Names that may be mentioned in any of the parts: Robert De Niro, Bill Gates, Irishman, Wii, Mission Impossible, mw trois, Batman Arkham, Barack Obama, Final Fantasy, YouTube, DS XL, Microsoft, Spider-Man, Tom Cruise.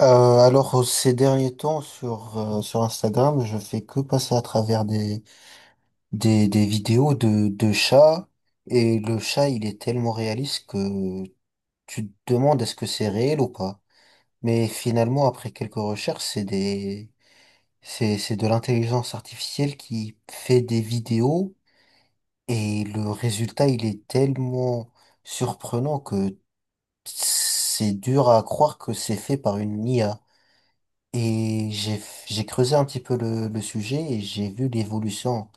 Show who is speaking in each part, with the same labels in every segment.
Speaker 1: Euh, ces derniers temps sur Instagram, je fais que passer à travers des vidéos de chats, et le chat il est tellement réaliste que tu te demandes est-ce que c'est réel ou pas. Mais finalement après quelques recherches, c'est des c'est de l'intelligence artificielle qui fait des vidéos, et le résultat il est tellement surprenant que c'est dur à croire que c'est fait par une IA. Et j'ai, j'ai creusé un petit peu le sujet et j'ai vu l'évolution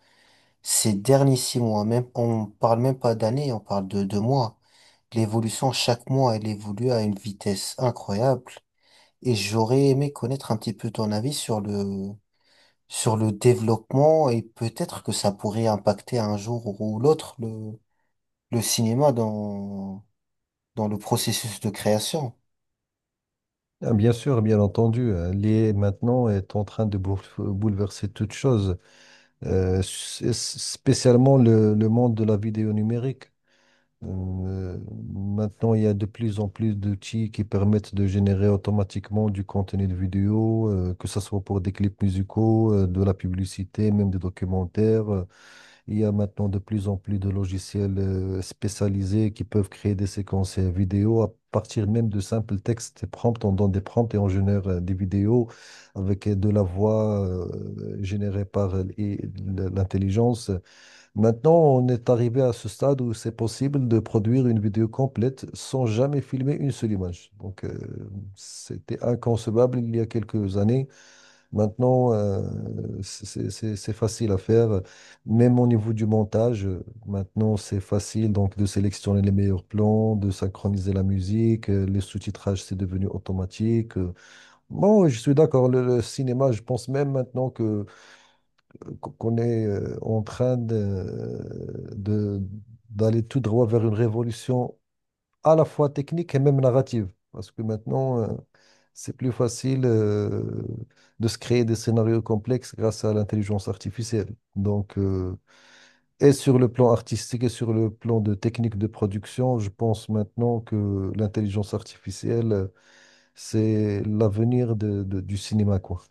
Speaker 1: ces derniers 6 mois. Même, on parle même pas d'années, on parle de mois. L'évolution, chaque mois, elle évolue à une vitesse incroyable. Et j'aurais aimé connaître un petit peu ton avis sur sur le développement, et peut-être que ça pourrait impacter un jour ou l'autre le cinéma dans le processus de création.
Speaker 2: Ah, bien sûr, bien entendu, l'IA maintenant est en train de bouleverser toute chose, spécialement le monde de la vidéo numérique. Euh, maintenant, il y a de plus en plus d'outils qui permettent de générer automatiquement du contenu de vidéo, que ce soit pour des clips musicaux, de la publicité, même des documentaires. Il y a maintenant de plus en plus de logiciels spécialisés qui peuvent créer des séquences vidéo à partir même de simples textes et prompts. On donne des prompts et on génère des vidéos avec de la voix générée par et l'intelligence. Maintenant, on est arrivé à ce stade où c'est possible de produire une vidéo complète sans jamais filmer une seule image. Donc, c'était inconcevable il y a quelques années. Maintenant, c'est facile à faire, même au niveau du montage. Maintenant, c'est facile donc de sélectionner les meilleurs plans, de synchroniser la musique, le sous-titrage, c'est devenu automatique. Bon, je suis d'accord, le cinéma, je pense même maintenant que qu'on est en train d'aller tout droit vers une révolution à la fois technique et même narrative. Parce que maintenant, c'est plus facile de se créer des scénarios complexes grâce à l'intelligence artificielle. Donc, et sur le plan artistique et sur le plan de technique de production, je pense maintenant que l'intelligence artificielle, c'est l'avenir du cinéma, quoi.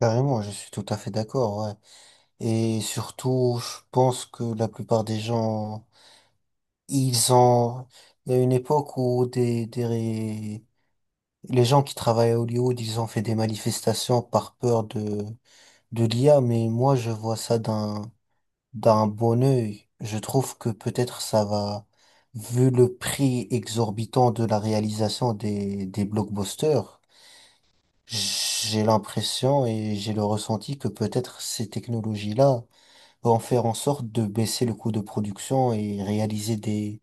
Speaker 1: Carrément, je suis tout à fait d'accord, ouais. Et surtout, je pense que la plupart des gens, ils ont... Il y a une époque où les gens qui travaillent à Hollywood ils ont fait des manifestations par peur de l'IA, mais moi, je vois ça d'un bon œil. Je trouve que peut-être ça va, vu le prix exorbitant de la réalisation des blockbusters, j'ai l'impression et j'ai le ressenti que peut-être ces technologies-là en faire en sorte de baisser le coût de production et réaliser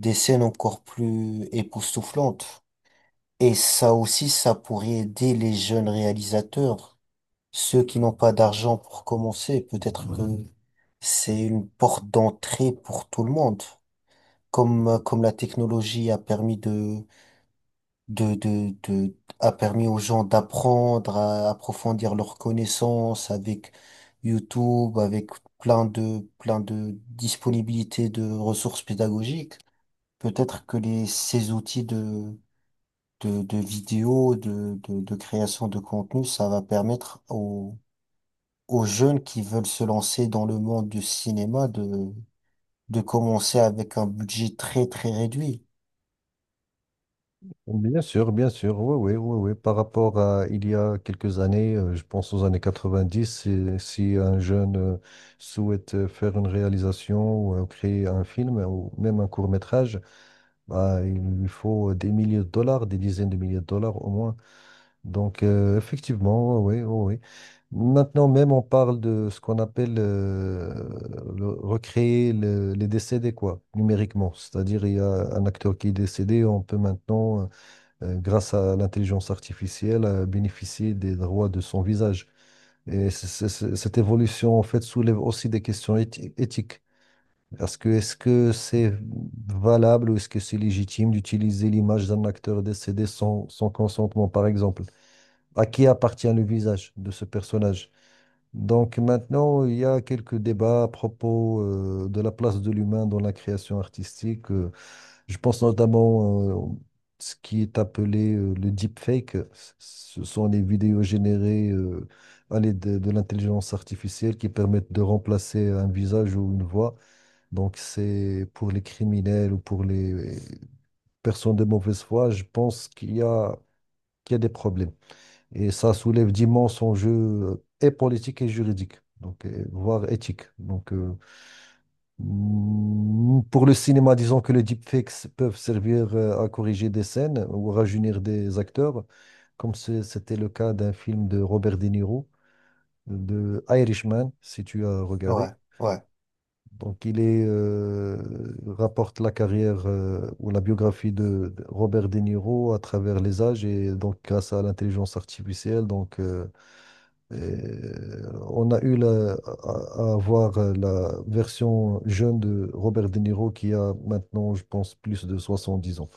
Speaker 1: des scènes encore plus époustouflantes. Et ça aussi, ça pourrait aider les jeunes réalisateurs, ceux qui n'ont pas d'argent pour commencer. Peut-être que c'est une porte d'entrée pour tout le monde. Comme la technologie a permis a permis aux gens d'apprendre, à approfondir leurs connaissances avec YouTube, avec plein de disponibilités de ressources pédagogiques. Peut-être que ces outils de vidéos, de création de contenu, ça va permettre aux jeunes qui veulent se lancer dans le monde du cinéma de commencer avec un budget très, très réduit.
Speaker 2: Bien sûr, oui, oui, oui, oui. Par rapport à il y a quelques années, je pense aux années 90, si un jeune souhaite faire une réalisation ou créer un film ou même un court-métrage, bah, il lui faut des milliers de dollars, des dizaines de milliers de dollars au moins. Donc, effectivement, oui, oui, oui, oui. Maintenant même, on parle de ce qu'on appelle recréer les décédés, quoi, numériquement. C'est-à-dire, il y a un acteur qui est décédé, on peut maintenant grâce à l'intelligence artificielle, à bénéficier des droits de son visage. Et cette évolution, en fait, soulève aussi des questions éthiques. Parce que est-ce que c'est valable ou est-ce que c'est légitime d'utiliser l'image d'un acteur décédé sans consentement, par exemple? À qui appartient le visage de ce personnage? Donc maintenant, il y a quelques débats à propos de la place de l'humain dans la création artistique. Je pense notamment ce qui est appelé le deepfake. Ce sont les vidéos générées à l'aide de l'intelligence artificielle qui permettent de remplacer un visage ou une voix. Donc c'est pour les criminels ou pour les personnes de mauvaise foi, je pense qu'il y a des problèmes. Et ça soulève d'immenses enjeux et politiques et juridiques, donc, voire éthiques. Donc, pour le cinéma, disons que les deepfakes peuvent servir à corriger des scènes ou à rajeunir des acteurs, comme c'était le cas d'un film de Robert De Niro, de Irishman, si tu as
Speaker 1: Ouais,
Speaker 2: regardé.
Speaker 1: ouais.
Speaker 2: Donc, il rapporte la carrière ou la biographie de Robert De Niro à travers les âges et donc grâce à l'intelligence artificielle. Donc, on a eu à voir la version jeune de Robert De Niro qui a maintenant, je pense, plus de 70 ans.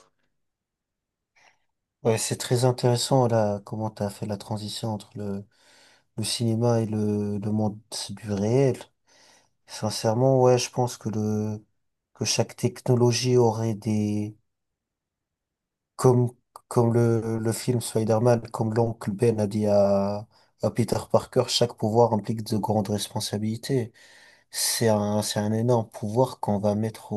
Speaker 1: Ouais, c'est très intéressant là, comment tu as fait la transition entre le cinéma et le monde du réel. Sincèrement, ouais, je pense que chaque technologie aurait des, comme le film Spider-Man, comme l'oncle Ben a dit à Peter Parker, chaque pouvoir implique de grandes responsabilités. C'est un énorme pouvoir qu'on va mettre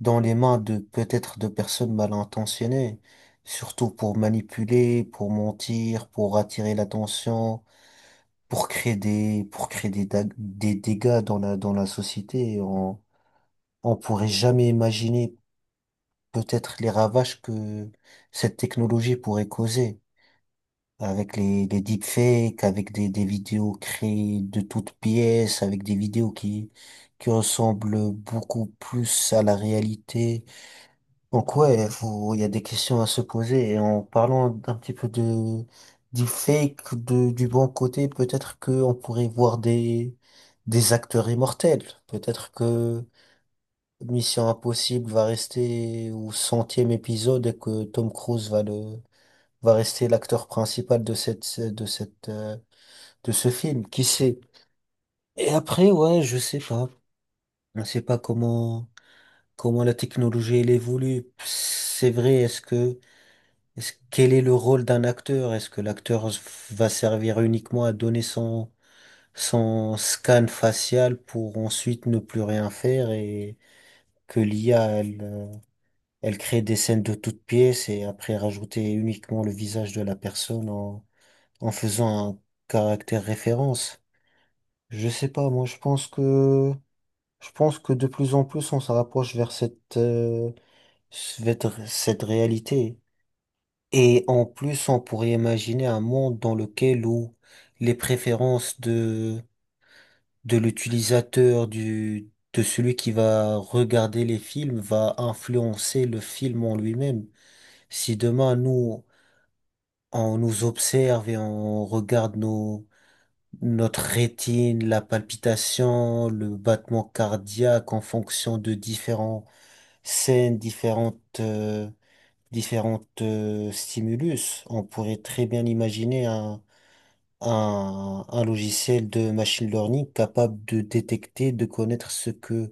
Speaker 1: dans les mains de, peut-être, de personnes mal intentionnées, surtout pour manipuler, pour mentir, pour attirer l'attention, pour créer des dégâts dans dans la société. On pourrait jamais imaginer peut-être les ravages que cette technologie pourrait causer. Avec les deepfakes, avec des vidéos créées de toutes pièces, avec des vidéos qui ressemblent beaucoup plus à la réalité. Donc ouais, il y a des questions à se poser. Et en parlant d'un petit peu de du fake, du bon côté, peut-être que on pourrait voir des acteurs immortels. Peut-être que Mission Impossible va rester au 100e épisode et que Tom Cruise va rester l'acteur principal de cette de cette de ce film. Qui sait? Et après, ouais, je sais pas. Je sais pas comment la technologie elle évolue. C'est vrai, quel est le rôle d'un acteur? Est-ce que l'acteur s- Va servir uniquement à donner son, son scan facial pour ensuite ne plus rien faire et que l'IA, elle, elle crée des scènes de toutes pièces et après rajouter uniquement le visage de la personne en faisant un caractère référence? Je sais pas, moi je pense que de plus en plus on se rapproche vers cette réalité. Et en plus, on pourrait imaginer un monde dans lequel où les préférences de l'utilisateur, de celui qui va regarder les films, va influencer le film en lui-même. Si demain, nous, on nous observe et on regarde notre rétine, la palpitation, le battement cardiaque en fonction de différentes scènes, différentes, stimulus, on pourrait très bien imaginer un logiciel de machine learning capable de détecter, de connaître ce que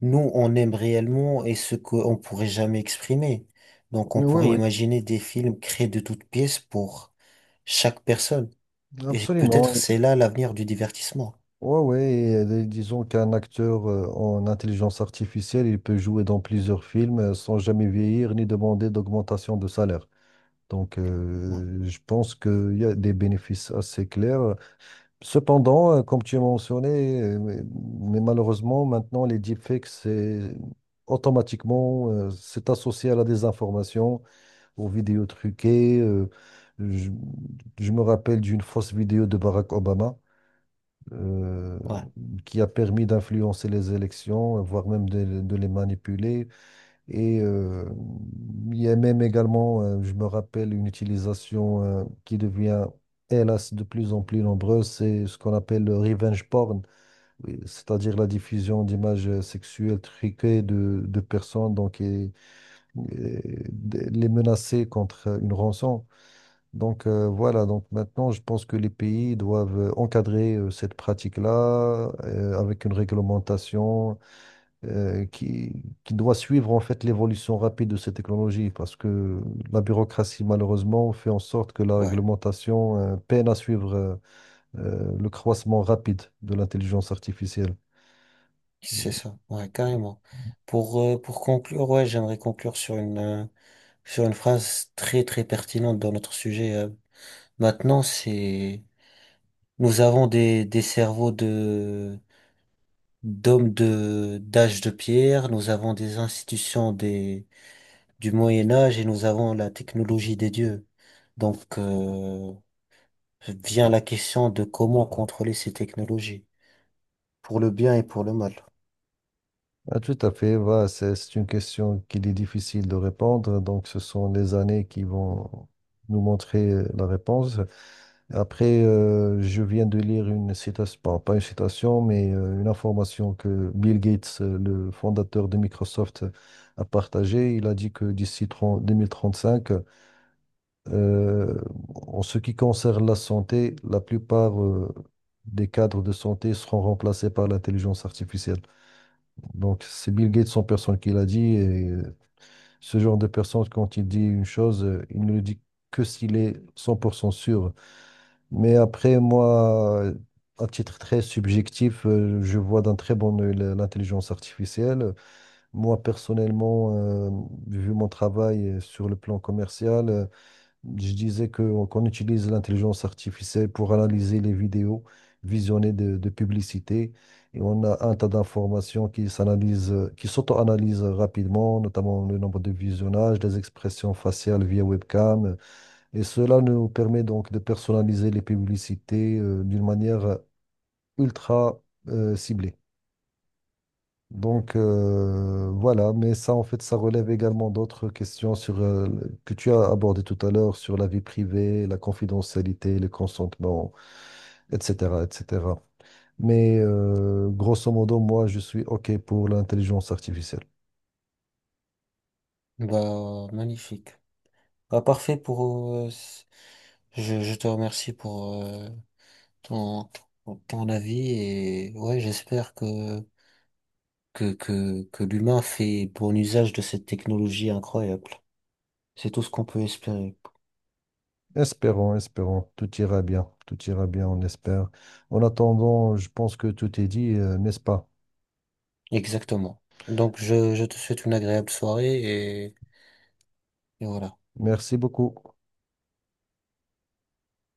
Speaker 1: nous, on aime réellement et ce qu'on pourrait jamais exprimer. Donc, on
Speaker 2: Oui,
Speaker 1: pourrait
Speaker 2: oui,
Speaker 1: imaginer des films créés de toutes pièces pour chaque personne. Et peut-être
Speaker 2: absolument.
Speaker 1: c'est là l'avenir du divertissement.
Speaker 2: Oui, oui. Et, disons qu'un acteur en intelligence artificielle, il peut jouer dans plusieurs films sans jamais vieillir ni demander d'augmentation de salaire. Donc,
Speaker 1: Ouais,
Speaker 2: je pense qu'il y a des bénéfices assez clairs. Cependant, comme tu as mentionné, mais malheureusement, maintenant, les deepfakes, c'est automatiquement, c'est associé à la désinformation, aux vidéos truquées. Je, je me rappelle d'une fausse vidéo de Barack Obama euh,
Speaker 1: ouais,
Speaker 2: qui a permis d'influencer les élections, voire même de les manipuler. Et il y a même également, je me rappelle, une utilisation qui devient, hélas, de plus en plus nombreuse, c'est ce qu'on appelle le revenge porn, oui, c'est-à-dire la diffusion d'images sexuelles truquées de personnes donc, et les menacer contre une rançon. Donc voilà, donc maintenant, je pense que les pays doivent encadrer cette pratique-là avec une réglementation euh, qui, qui doit suivre en fait l'évolution rapide de ces technologies parce que la bureaucratie malheureusement fait en sorte que la
Speaker 1: ouais,
Speaker 2: réglementation peine à suivre le croissement rapide de l'intelligence artificielle.
Speaker 1: c'est ça. Ouais, carrément. Pour conclure, ouais, j'aimerais conclure sur sur une phrase très, très pertinente dans notre sujet. Maintenant, c'est... Nous avons des cerveaux d'hommes d'âge de pierre, nous avons des institutions du Moyen Âge et nous avons la technologie des dieux. Donc, euh, Vient la question de comment contrôler ces technologies, pour le bien et pour le mal.
Speaker 2: Ah, tout à fait, voilà, c'est une question qu'il est difficile de répondre, donc ce sont les années qui vont nous montrer la réponse. Après, je viens de lire une citation, bon, pas une citation, mais une information que Bill Gates, le fondateur de Microsoft, a partagée. Il a dit que d'ici 30 2035, euh, en ce qui concerne la santé, la plupart des cadres de santé seront remplacés par l'intelligence artificielle. Donc, c'est Bill Gates en personne qui l'a dit. Et ce genre de personne, quand il dit une chose, il ne le dit que s'il est 100% sûr. Mais après, moi, à titre très subjectif, je vois d'un très bon œil l'intelligence artificielle. Moi, personnellement, vu mon travail sur le plan commercial, je disais qu'on utilise l'intelligence artificielle pour analyser les vidéos visionnées de publicité. Et on a un tas d'informations qui s'analysent, qui s'auto-analysent rapidement, notamment le nombre de visionnages, les expressions faciales via webcam. Et cela nous permet donc de personnaliser les publicités, d'une manière ultra, ciblée. Donc voilà, mais ça en fait, ça relève également d'autres questions sur, que tu as abordées tout à l'heure sur la vie privée, la confidentialité, le consentement, etc., etc. Mais grosso modo, moi, je suis OK pour l'intelligence artificielle.
Speaker 1: Bah, magnifique. Bah, parfait pour, je te remercie pour, ton, ton avis. Et ouais, j'espère que l'humain fait bon usage de cette technologie incroyable. C'est tout ce qu'on peut espérer.
Speaker 2: Espérons, espérons. Tout ira bien. Tout ira bien, on espère. En attendant, je pense que tout est dit, n'est-ce pas?
Speaker 1: Exactement. Je te souhaite une agréable soirée et voilà.
Speaker 2: Merci beaucoup.